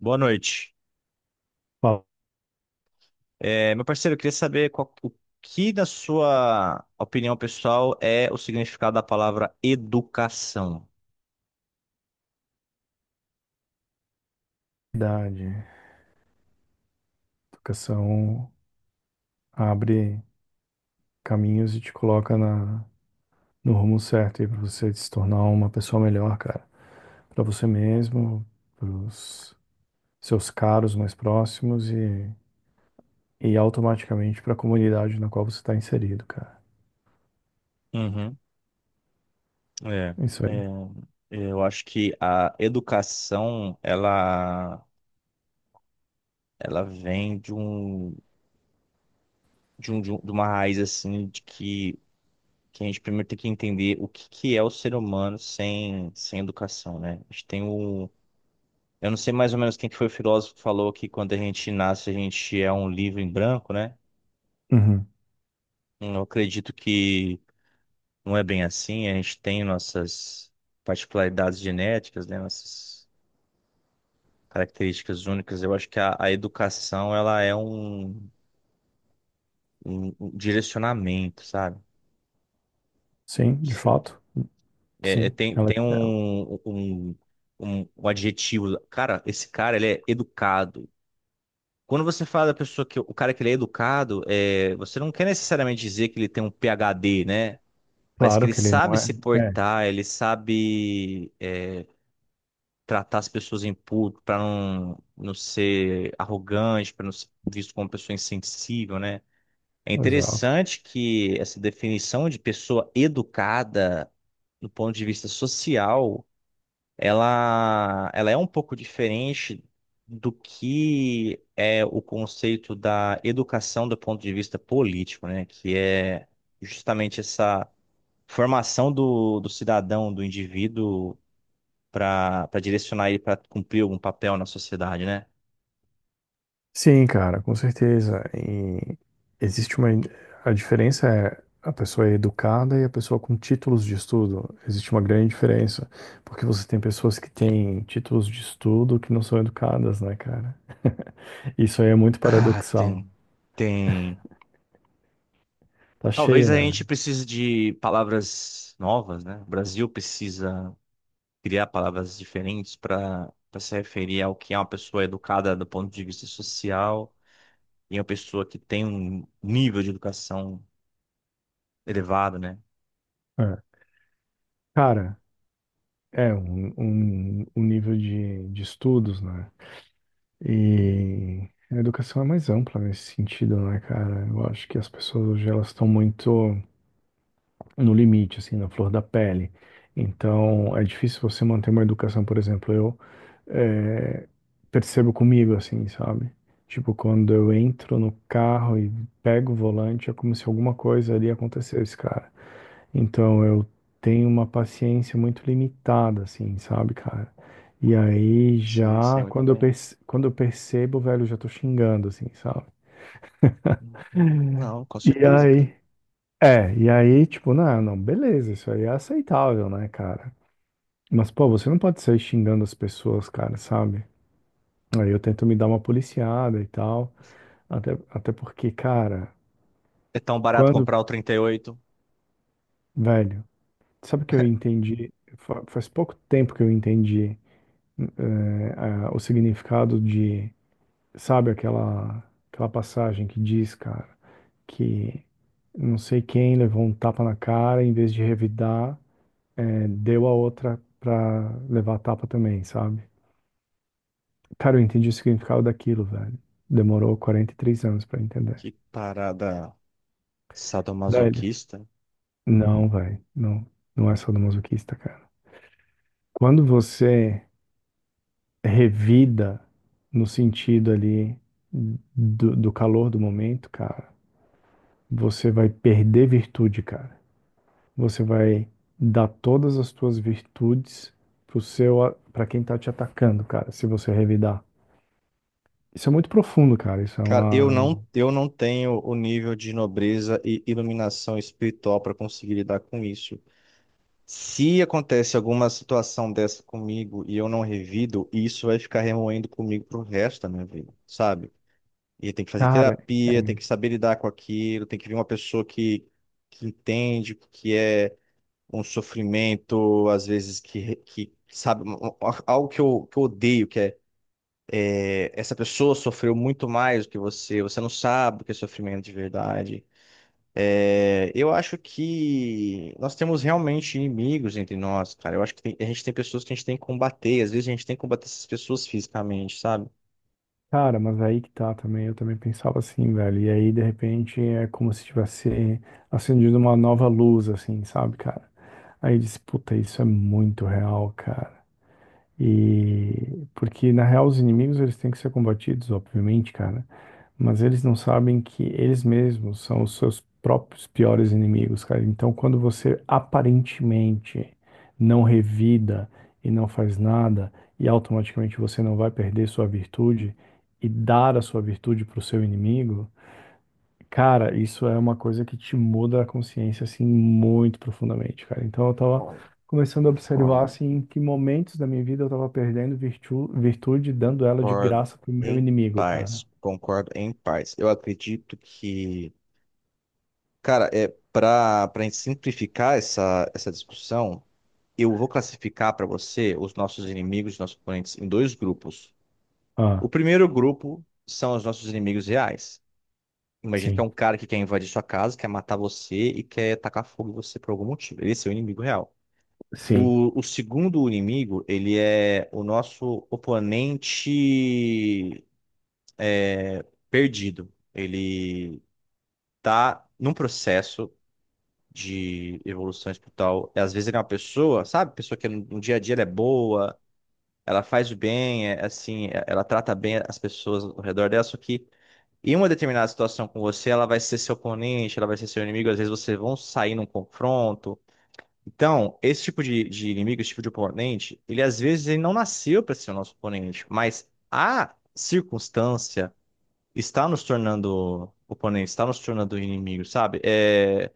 Boa noite. Meu parceiro, eu queria saber o que, na sua opinião pessoal, é o significado da palavra educação. Qualidade. Educação abre caminhos e te coloca no rumo certo aí para você se tornar uma pessoa melhor, cara. Para você mesmo, para os seus caros mais próximos e automaticamente para a comunidade na qual você está inserido, cara. Uhum. É, Isso é, aí. eu acho que a educação, ela vem de uma raiz, assim, que a gente primeiro tem que entender o que, que é o ser humano sem educação, né? A gente tem um. Eu não sei mais ou menos quem que foi o filósofo que falou que, quando a gente nasce, a gente é um livro em branco, né? Uhum. Eu acredito que não é bem assim. A gente tem nossas particularidades genéticas, né? Nossas características únicas. Eu acho que a educação ela é um direcionamento, sabe? Não Sim, de sei. fato, sim. Tem Ela, é, um adjetivo. Cara, esse cara ele é educado. Quando você fala da pessoa, que o cara que ele é educado, você não quer necessariamente dizer que ele tem um PhD, né? Mas que claro ele que ele não sabe é. se É, portar, ele sabe tratar as pessoas em público, para não ser arrogante, para não ser visto como uma pessoa insensível, né? É exato. interessante que essa definição de pessoa educada, do ponto de vista social, ela é um pouco diferente do que é o conceito da educação do ponto de vista político, né? Que é justamente essa formação do cidadão, do indivíduo para direcionar ele para cumprir algum papel na sociedade, né? Sim, cara, com certeza. E existe uma. A diferença é a pessoa é educada e a pessoa com títulos de estudo. Existe uma grande diferença, porque você tem pessoas que têm títulos de estudo que não são educadas, né, cara? Isso aí é muito Ah, paradoxal. tem, tem. Tá Talvez cheio, a né? gente precise de palavras novas, né? O Brasil precisa criar palavras diferentes para se referir ao que é uma pessoa educada do ponto de vista social e uma pessoa que tem um nível de educação elevado, né? É. Cara, é um nível de estudos, né? E a educação é mais ampla nesse sentido, né, cara? Eu acho que as pessoas hoje elas estão muito no limite, assim, na flor da pele. Então, é difícil você manter uma educação, por exemplo, eu eh, percebo comigo, assim, sabe? Tipo, quando eu entro no carro e pego o volante, é como se alguma coisa ali acontecesse, cara. Então, eu tenho uma paciência muito limitada, assim, sabe, cara? E aí, Sim, sim, já, muito quando eu, bem. perce- quando eu percebo, velho, eu já tô xingando, assim, sabe? Uhum. Não, com E certeza, cara. aí? É, e aí, tipo, não, não, beleza, isso aí é aceitável, né, cara? Mas, pô, você não pode sair xingando as pessoas, cara, sabe? Aí eu tento me dar uma policiada e tal. Até porque, cara, É tão barato quando, comprar o 38. velho, sabe o que eu entendi? Faz pouco tempo que eu entendi o significado de, sabe, aquela passagem que diz, cara, que não sei quem levou um tapa na cara, em vez de revidar, deu a outra pra levar a tapa também, sabe? Cara, eu entendi o significado daquilo, velho. Demorou 43 anos pra entender. Que parada Velho, sadomasoquista. não, velho. Não, não é sadomasoquista, cara. Quando você revida no sentido ali do calor do momento, cara, você vai perder virtude, cara. Você vai dar todas as tuas virtudes pro seu, para quem tá te atacando, cara, se você revidar. Isso é muito profundo, cara. Isso é Cara, uma, uma... eu não tenho o nível de nobreza e iluminação espiritual para conseguir lidar com isso. Se acontece alguma situação dessa comigo e eu não revido, isso vai ficar remoendo comigo pro resto da minha vida, sabe? E tem que fazer Cara, terapia, tem que saber lidar com aquilo, tem que vir uma pessoa que entende o que é um sofrimento, às vezes que sabe, algo que eu odeio, essa pessoa sofreu muito mais do que você, você não sabe o que é sofrimento de verdade. Eu acho que nós temos realmente inimigos entre nós, cara. Eu acho que a gente tem pessoas que a gente tem que combater, às vezes a gente tem que combater essas pessoas fisicamente, sabe? Cara, mas aí que tá também, eu também pensava assim, velho. E aí, de repente, é como se tivesse acendido uma nova luz, assim, sabe, cara? Aí eu disse, puta, isso é muito real, cara. E porque, na real, os inimigos, eles têm que ser combatidos, obviamente, cara. Mas eles não sabem que eles mesmos são os seus próprios piores inimigos, cara. Então, quando você aparentemente não revida e não faz nada, e automaticamente você não vai perder sua virtude e dar a sua virtude para o seu inimigo, cara, isso é uma coisa que te muda a consciência assim muito profundamente, cara. Então, eu tava começando a observar Concordo, assim em que momentos da minha vida eu tava perdendo virtu- virtude, dando ela de concordo graça pro meu em inimigo, cara. paz, concordo em paz. Eu acredito que, cara, é para simplificar essa discussão, eu vou classificar para você os nossos inimigos, nossos oponentes em dois grupos. Ah, O primeiro grupo são os nossos inimigos reais. Imagina que é sim. um cara que quer invadir sua casa, quer matar você e quer tacar fogo em você por algum motivo. Esse é o inimigo real. Sim. O segundo inimigo, ele é o nosso oponente perdido. Ele tá num processo de evolução espiritual. Às vezes ele é uma pessoa, sabe? Pessoa que no dia a dia ela é boa, ela faz o bem, assim, ela trata bem as pessoas ao redor dela, só que em uma determinada situação com você, ela vai ser seu oponente, ela vai ser seu inimigo, às vezes vocês vão sair num confronto. Então, esse tipo de inimigo, esse tipo de oponente, ele às vezes ele não nasceu para ser o nosso oponente, mas a circunstância está nos tornando oponente, está nos tornando inimigo, sabe? É,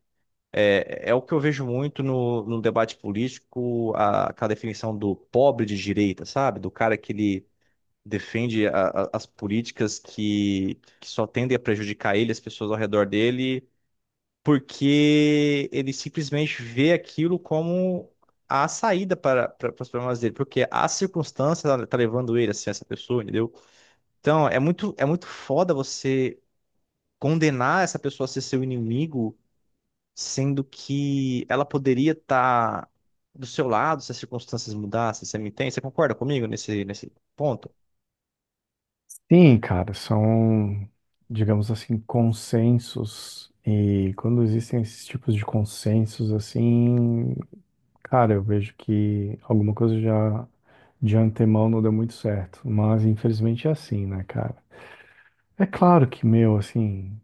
é, É o que eu vejo muito no debate político, aquela definição do pobre de direita, sabe? Do cara que ele defende as políticas que só tendem a prejudicar ele, as pessoas ao redor dele, porque ele simplesmente vê aquilo como a saída para os problemas dele, porque a circunstância tá levando ele a ser essa pessoa, entendeu? Então, é muito foda você condenar essa pessoa a ser seu inimigo, sendo que ela poderia estar do seu lado se as circunstâncias mudassem, você me entende? Você concorda comigo nesse ponto? Sim, cara, são, digamos assim, consensos. E quando existem esses tipos de consensos, assim, cara, eu vejo que alguma coisa já de antemão não deu muito certo. Mas infelizmente é assim, né, cara? É claro que, meu, assim,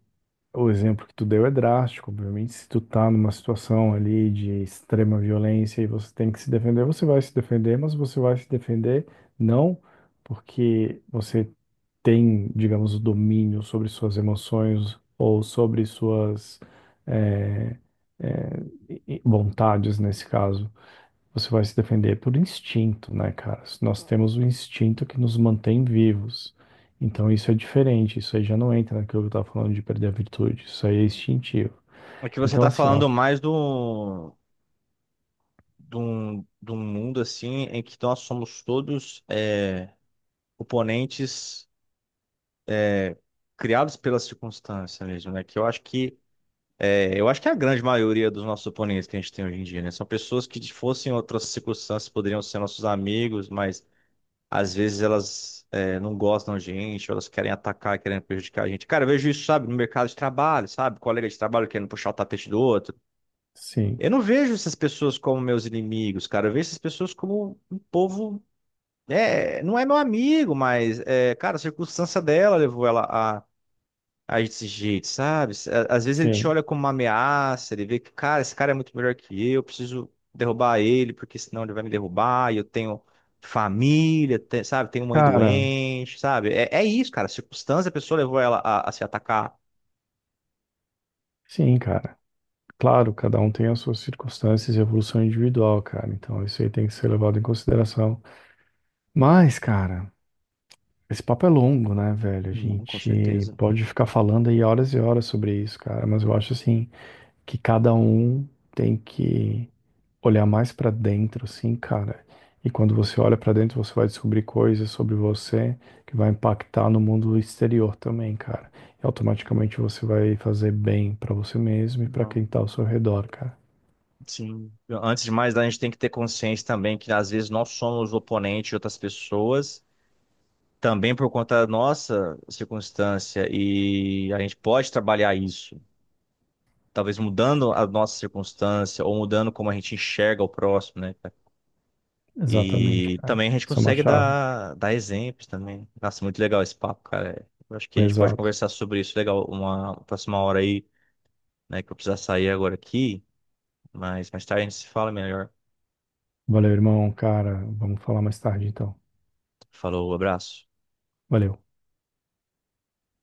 o exemplo que tu deu é drástico. Obviamente, se tu tá numa situação ali de extrema violência e você tem que se defender, você vai se defender, mas você vai se defender não porque você tem, digamos, o domínio sobre suas emoções ou sobre suas eh, eh, e vontades, nesse caso, você vai se defender por instinto, né, cara? Nós temos o instinto que nos mantém vivos. Então isso é diferente, isso aí já não entra naquilo que eu estava falando de perder a virtude, isso aí é instintivo. É que você Então está assim, ó, falando mais de um mundo assim em que, então, nós somos todos oponentes criados pela circunstância mesmo, né? Que eu acho que é a grande maioria dos nossos oponentes que a gente tem hoje em dia, né? São pessoas que, se fossem outras circunstâncias, poderiam ser nossos amigos, mas às vezes elas não gostam da gente, ou elas querem atacar, querem prejudicar a gente. Cara, eu vejo isso, sabe, no mercado de trabalho, sabe? Colega de trabalho querendo puxar o tapete do outro. sim, Eu não vejo essas pessoas como meus inimigos, cara. Eu vejo essas pessoas como um povo. Não é meu amigo, mas, cara, a circunstância dela levou ela a esse jeito, sabe? Às vezes ele te sim. olha como uma ameaça, ele vê que, cara, esse cara é muito melhor que eu preciso derrubar ele, porque senão ele vai me derrubar, e eu tenho família, sabe? Tenho mãe Cara, doente, sabe? É isso, cara. A circunstância, a pessoa levou ela a se atacar. sim, cara. Claro, cada um tem as suas circunstâncias e evolução individual, cara. Então isso aí tem que ser levado em consideração. Mas, cara, esse papo é longo, né, velho? A Não, com gente certeza. pode ficar falando aí horas e horas sobre isso, cara, mas eu acho assim que cada um tem que olhar mais pra dentro, assim, cara. E quando você olha pra dentro, você vai descobrir coisas sobre você que vai impactar no mundo exterior também, cara. E automaticamente você vai fazer bem pra você mesmo e pra quem Não. tá ao seu redor, cara. Sim. Antes de mais, a gente tem que ter consciência também que às vezes nós somos o oponente de outras pessoas, também por conta da nossa circunstância, e a gente pode trabalhar isso, talvez mudando a nossa circunstância ou mudando como a gente enxerga o próximo, né, cara? Exatamente, E cara. também a gente Isso é uma consegue chave. Dar exemplos também. Nossa, muito legal esse papo, cara. Eu acho que a gente pode Exato. conversar sobre isso, legal, uma próxima hora aí, né, que eu vou precisar sair agora aqui, mas mais tarde a gente se fala melhor. Valeu, irmão, cara. Vamos falar mais tarde, então. Falou, abraço. Valeu.